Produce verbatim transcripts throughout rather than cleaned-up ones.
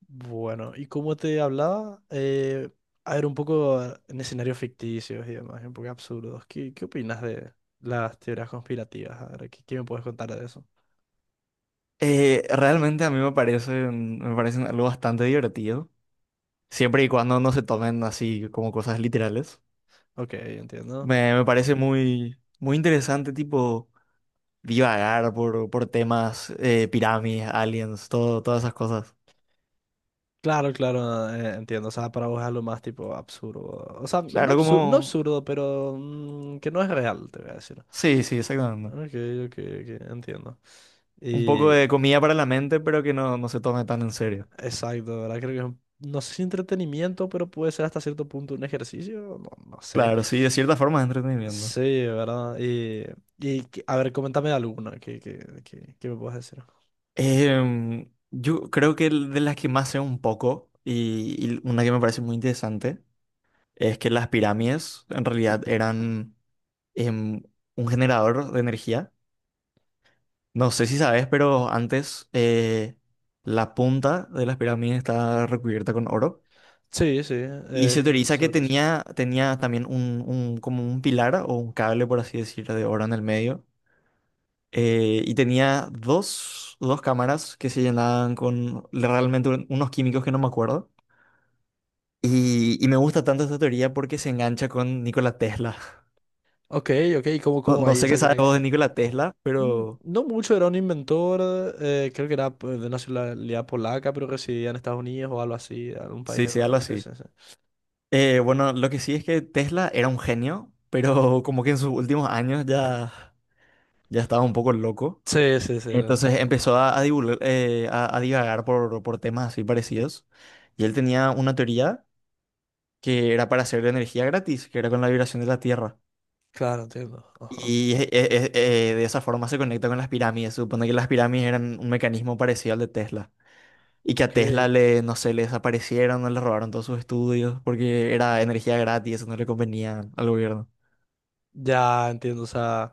Bueno, y como te hablaba, eh, a ver, un poco en escenarios ficticios y demás, un poco absurdos. ¿Qué, qué opinas de las teorías conspirativas? A ver, ¿qué, qué me puedes contar de eso? Eh, realmente a mí me parecen, me parecen algo bastante divertido, siempre y cuando no se tomen así como cosas literales. Ok, entiendo. Me, me parece muy, muy interesante, tipo, divagar por, por temas, eh, pirámides, aliens, todo, todas esas cosas. Claro, claro, eh, entiendo. O sea, para vos es lo más tipo absurdo. O sea, no Claro, absurdo, no como... absurdo, pero mm, que no es real, te voy a decir. Sí, sí, exactamente. Ok, ok, ok, entiendo. Un poco Y de comida para la mente, pero que no, no se tome tan en serio. exacto, ¿verdad? Creo que es un... no sé si entretenimiento, pero puede ser hasta cierto punto un ejercicio, no, no sé. Claro, sí, de cierta forma es entretenimiento. Sí, ¿verdad? Y, y que... a ver, coméntame alguna que, que, que, que me puedas decir. Em, yo creo que el- de las que más sé un poco, y y una que me parece muy interesante es que las pirámides en realidad eran em, un generador de energía. No sé si sabes, pero antes eh, la punta de las pirámides estaba recubierta con oro. Sí, sí, Y se eh, escuché teoriza que sobre eso. tenía, tenía también un, un- como un pilar o un cable, por así decirlo, de oro en el medio. Eh, y tenía dos, dos cámaras que se llenaban con realmente un- unos químicos que no me acuerdo. Y, y me gusta tanto esta teoría porque se engancha con Nikola Tesla. Ok, ok, ¿y ¿cómo, No, cómo no ahí sé qué esa sabes vos conexión? de Nikola Tesla, Mm, pero No mucho, era un inventor, eh, creo que era pues, de nacionalidad polaca, pero residía en Estados Unidos o algo así, en algún país sí, de sí, algo Europa. Sí, así. sí, sí. Eh, bueno, lo que sí es que Tesla era un genio, pero como que en sus últimos años ya, ya estaba un poco loco. Sí, sí, sí, no sé. Entonces empezó a, a, divulgar- eh, a- a divagar por, por temas así parecidos. Y él tenía una teoría que era para hacer energía gratis, que era con la vibración de la Tierra. Claro, entiendo. Ajá. Y eh, eh, eh, de esa forma se conecta con las pirámides. Se supone que las pirámides eran un mecanismo parecido al de Tesla. Y que a Ok, Tesla le, no sé, le desaparecieron, no le robaron todos sus estudios porque era energía gratis, eso no le convenía al gobierno. ya entiendo, o sea...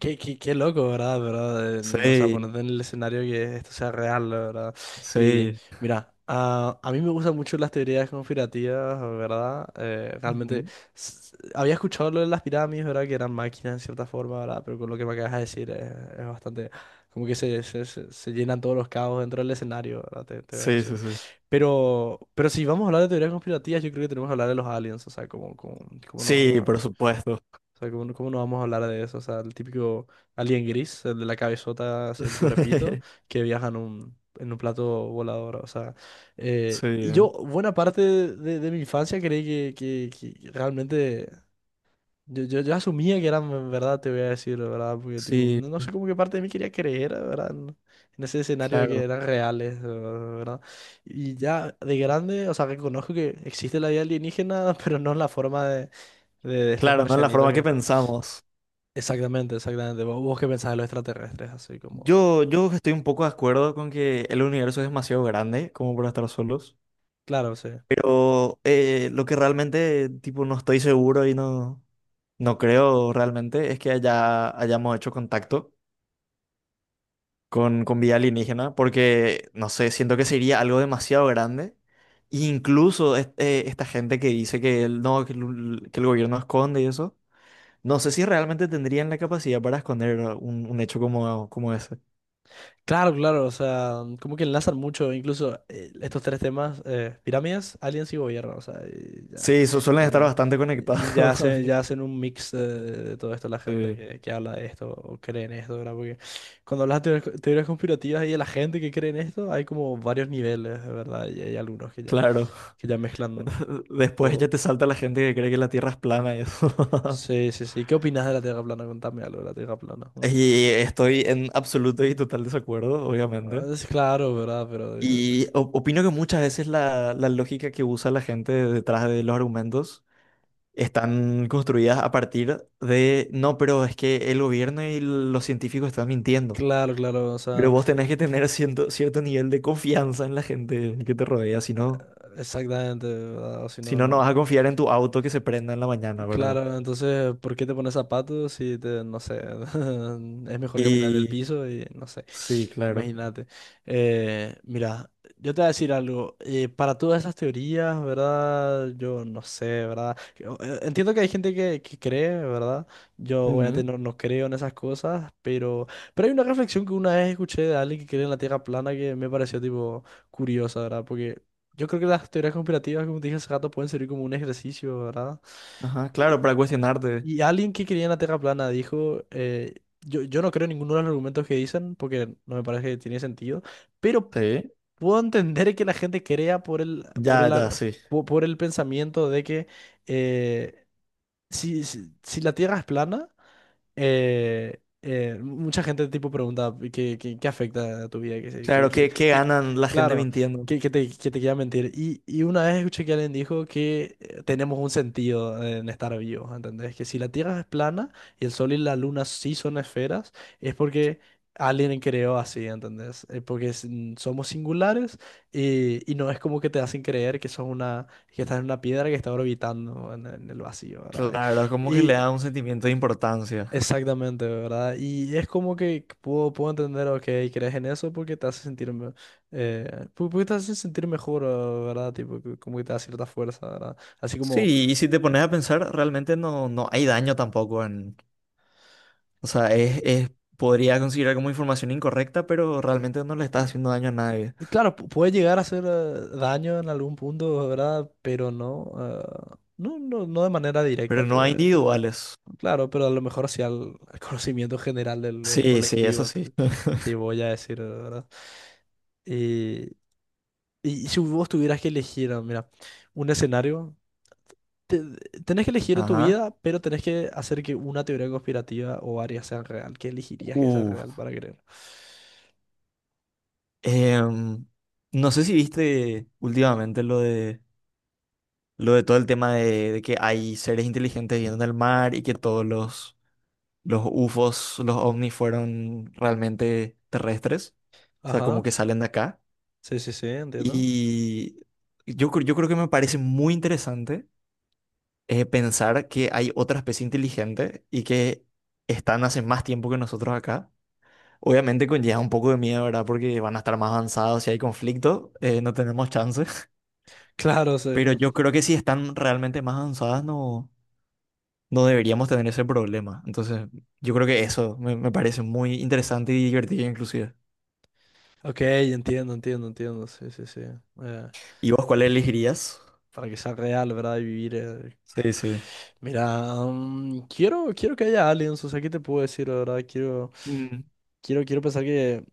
Qué, qué, qué loco, ¿verdad? ¿Verdad? En- O sea, Sí, ponerte en el escenario que esto sea real, la ¿verdad? Y sí. mira, a, a mí me gustan mucho las teorías conspirativas, ¿verdad? Eh, realmente Ujú. s- había escuchado lo de las pirámides, ¿verdad? Que eran máquinas en cierta forma, ¿verdad? Pero con lo que me acabas de decir es, es bastante... Como que se, se, se- se llenan todos los cabos dentro del escenario, ¿verdad? Te, te voy a Sí, sí, decir. sí. Pero, pero si vamos a hablar de teorías conspirativas, yo creo que tenemos que hablar de los aliens, o sea, como como cómo no Sí, vamos por supuesto. o sea, ¿cómo, cómo no vamos a hablar de eso? O sea, el típico alien gris, el de la cabezota hacia el cuerpito, que viaja en un, en un plato volador. O sea, eh, Sí, y ¿eh? yo buena parte de, de- de mi infancia creí que, que- que realmente... Yo, yo, yo asumía que eran verdad, te voy a decir, ¿verdad? Porque tipo, Sí, no, no sé cómo que parte de mí quería creer, ¿verdad? En, en ese escenario de que claro. eran reales, ¿verdad? Y ya de grande, o sea, reconozco que existe la vida alienígena, pero no en la forma de, de de estos Claro, ¿no? Es la marcianitos. forma que Que pensamos. Exactamente, exactamente. ¿Vos, vos qué pensás de los extraterrestres? Así como. Yo, yo estoy un poco de acuerdo con que el universo es demasiado grande como para estar solos. Claro, sí. Pero eh, lo que realmente, tipo, no estoy seguro y no, no creo realmente es que haya, hayamos hecho contacto con, con vida alienígena, porque, no sé, siento que sería algo demasiado grande. E incluso es- eh, esta gente que dice que el, no, que el, que el gobierno esconde y eso, no sé si realmente tendrían la capacidad para esconder un, un hecho como, como ese. Claro, claro, o sea, como que enlazan mucho, incluso eh, estos tres temas: eh, pirámides, aliens y gobierno, o sea, y ya, Sí, su- suelen estar eh, bastante y ya, conectados. hace- ya hacen un mix eh, de todo esto la gente Sí, que, que habla de esto o cree en esto, ¿verdad? Porque cuando hablas de teorías, teorías conspirativas y de la gente que cree en esto, hay como varios niveles, ¿verdad? Y hay algunos que ya, claro. que ya mezclan Después ya todo. te salta la gente que cree que la Tierra es plana y eso. Sí, sí, sí. ¿Qué opinas de la Tierra plana? Contame algo de la Tierra plana. Y estoy en absoluto y total desacuerdo, Ah, obviamente. Es claro, ¿verdad? Pero, eh, Y o- opino que muchas veces la, la lógica que usa la gente detrás de los argumentos están construidas a partir de, no, pero es que el gobierno y los científicos están mintiendo. claro, claro, o Pero sea, vos tenés que tener cierto, cierto nivel de confianza en la gente que te rodea, si no, exactamente, ¿verdad? O si si no, no, no no. vas a confiar en tu auto que se prenda en la mañana, ¿verdad? Claro, entonces, ¿por qué te pones zapatos si te, no sé, es mejor caminar en el Y piso y no sé, sí, claro. imagínate. Eh, mira, yo te voy a decir algo, eh, para todas esas teorías, ¿verdad? Yo no sé, ¿verdad? Que, o- eh, Entiendo que hay gente que, que cree, ¿verdad? Yo obviamente Ujú. no, no creo en esas cosas, pero, pero hay una reflexión que una vez escuché de alguien que cree en la Tierra plana que me pareció tipo curiosa, ¿verdad? Porque yo creo que las teorías conspirativas, como te dije hace rato, pueden servir como un ejercicio, ¿verdad? Ajá, claro, para cuestionarte. Y alguien que creía en la Tierra plana dijo, eh, yo, yo no creo en ninguno de los argumentos que dicen porque no me parece que tiene sentido, pero Sí, puedo entender que la gente crea por el, por ya, el, ya, ar- sí. po- por, el pensamiento de que eh, si, si, si la Tierra es plana, eh, eh, mucha gente tipo pregunta qué, qué, qué afecta a tu vida, que, se- que, Claro, que, ¿qué, qué que- ganan la gente claro, mintiendo? que, que te, que te quiera mentir. Y, y una vez escuché que alguien dijo que eh, tenemos un sentido en estar vivos, ¿entendés? Que si la Tierra es plana y el Sol y la Luna sí son esferas, es porque alguien creó así, ¿entendés? Eh, porque es- mm, somos singulares y, y no es como que te hacen creer que sos una, que estás en una piedra que está orbitando en, en el vacío, ¿verdad? Claro, como que le da un sentimiento de importancia. Exactamente, ¿verdad? Y es como que puedo, puedo entender, ok, crees en eso porque te hace sentir, me- eh, pu- porque te hace sentir mejor, eh, ¿verdad? Tipo, que... como que te da cierta fuerza, ¿verdad? Así como, Sí, y si te pones a pensar, realmente no, no hay daño tampoco en... O sea, es, es, podría considerar como información incorrecta, pero realmente no le está haciendo daño a nadie. y claro, pu- puede llegar a hacer eh, daño en algún punto, ¿verdad? Pero no, eh, no, no, no de manera Pero directa, te no voy a hay decir. individuales. Claro, pero a lo mejor hacia el, el conocimiento general del, del Sí, sí, eso colectivo, sí. te, te voy a decir, ¿verdad? Y, y si vos tuvieras que elegir, ah, mira, un escenario. te- tenés que elegir en tu Ajá. vida, pero tenés que hacer que una teoría conspirativa o varias sean real. ¿Qué elegirías que sea Uh, real para creer? em, no sé si viste últimamente lo de lo de todo el tema de, de que hay seres inteligentes viviendo en el mar y que todos los, los U F Os, los ovnis fueron realmente terrestres, o sea, como Ajá. que salen de acá. Sí, sí, sí, entiendo. Y yo, cre- yo creo que me parece muy interesante eh, pensar que hay otra especie inteligente y que están hace más tiempo que nosotros acá. Obviamente conlleva un poco de miedo, ¿verdad? Porque van a estar más avanzados, si hay conflicto, eh, no tenemos chances. Claro, sí. Pero yo creo que si están realmente más avanzadas, no, no deberíamos tener ese problema. Entonces, yo creo que eso me, me parece muy interesante y divertido inclusive. Ok, entiendo, entiendo, entiendo. Sí, sí, sí. Eh, ¿Y vos cuál elegirías? para que sea real, ¿verdad? Y vivir. eh, Sí, sí. Mira, mm, quiero, quiero que haya aliens. O sea, ¿qué te puedo decir, la verdad? Quiero, Mm. quiero, quiero pensar que.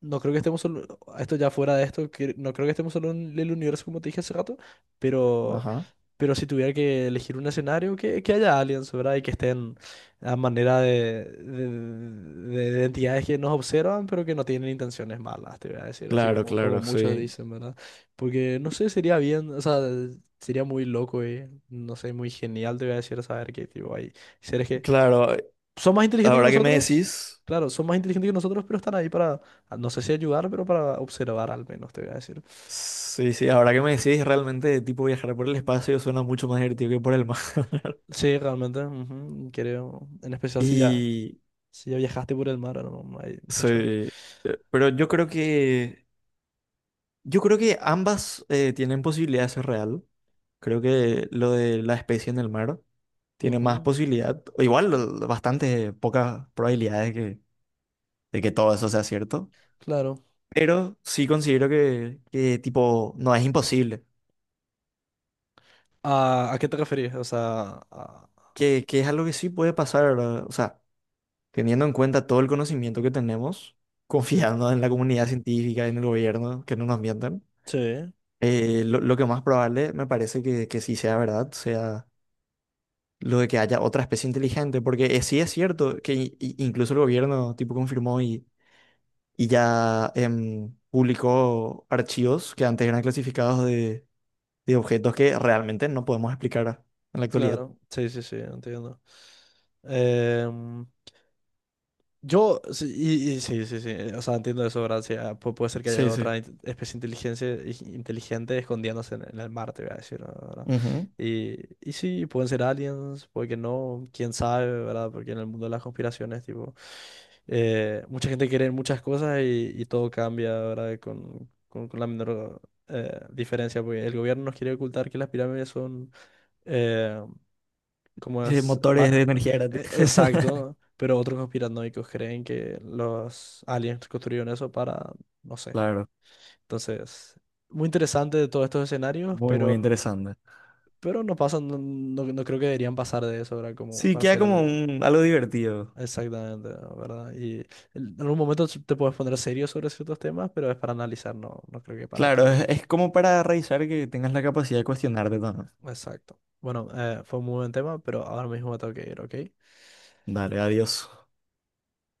No creo que estemos solo. Esto ya fuera de esto. que- No creo que estemos solo en el universo, como te dije hace rato. Pero. Ajá. Pero si tuviera que elegir un escenario, que, que haya aliens, ¿verdad? Y que estén a manera de, de, de- de entidades que nos observan, pero que no tienen intenciones malas, te voy a decir, así Claro, como, como claro, muchos sí. dicen, ¿verdad? Porque, no sé, sería bien, o sea, sería muy loco y, no sé, muy genial, te voy a decir, saber que, tipo, hay seres que Claro, son más inteligentes que ahora que me nosotros, decís, claro, son más inteligentes que nosotros, pero están ahí para, no sé si ayudar, pero para observar al menos, te voy a decir. sí, sí, ahora que me decís, realmente tipo viajar por el espacio suena mucho más divertido que por el mar. Sí, realmente, ujú, creo, en especial si ya... Y Si ya viajaste por el mar, ahora no, no hay sí, mucho. eh, pero yo creo que yo creo que ambas eh, tienen posibilidad de ser real. Creo que lo de la especie en el mar tiene más Ujú, posibilidad, o igual l- bastante pocas probabilidades que, de que todo eso sea cierto, Claro. pero sí considero que, que, tipo no es imposible, ¿A, a qué te referís? O sea, a... que, que es algo que sí puede pasar, ¿verdad? O sea, teniendo en cuenta todo el conocimiento que tenemos, Sí, confiando en la comunidad científica, en el gobierno, que no nos mientan, sí. eh, lo, lo que más probable me parece que, que sí sea verdad, sea lo de que haya otra especie inteligente, porque eh, sí es cierto que i- i- incluso el gobierno tipo confirmó y y ya em, publicó archivos que antes eran clasificados de, de objetos que realmente no podemos explicar en la actualidad. claro. Sí, sí, sí, entiendo. Yo, sí, y, y sí, sí, sí, o sea, entiendo eso, ¿verdad? Sí, ah, pu- puede ser que haya Sí, sí. otra in- especie inteligencia, i- inteligente escondiéndose en, en el mar, te voy a decir, ¿verdad? Ujú. Y, y sí, pueden ser aliens, puede que no, quién sabe, ¿verdad? Porque en el mundo de las conspiraciones, tipo, eh, mucha gente quiere en muchas cosas y, y todo cambia, ¿verdad? Con, con, con la menor eh, diferencia, porque el gobierno nos quiere ocultar que las pirámides son... eh, como Eh, es, ma- Motores de ma- energía gratis. e- exacto, pero otros conspiranoicos creen que los aliens construyeron eso para, no sé. Claro, Entonces, muy interesante de todos estos escenarios, muy, muy pero, interesante. pero no pasan, no, no- no creo que deberían pasar de eso, ¿verdad? Como Sí, para queda hacer como algo. un, algo divertido. Exactamente, ¿verdad? Y en en algún momento te puedes poner serio sobre ciertos temas, pero es para analizar, no, no creo que para Claro, creer. es, es como para revisar que tengas la capacidad de cuestionarte también. Exacto. Bueno, eh, fue un muy buen tema, pero ahora mismo me tengo que ir, ¿ok? Dale, adiós.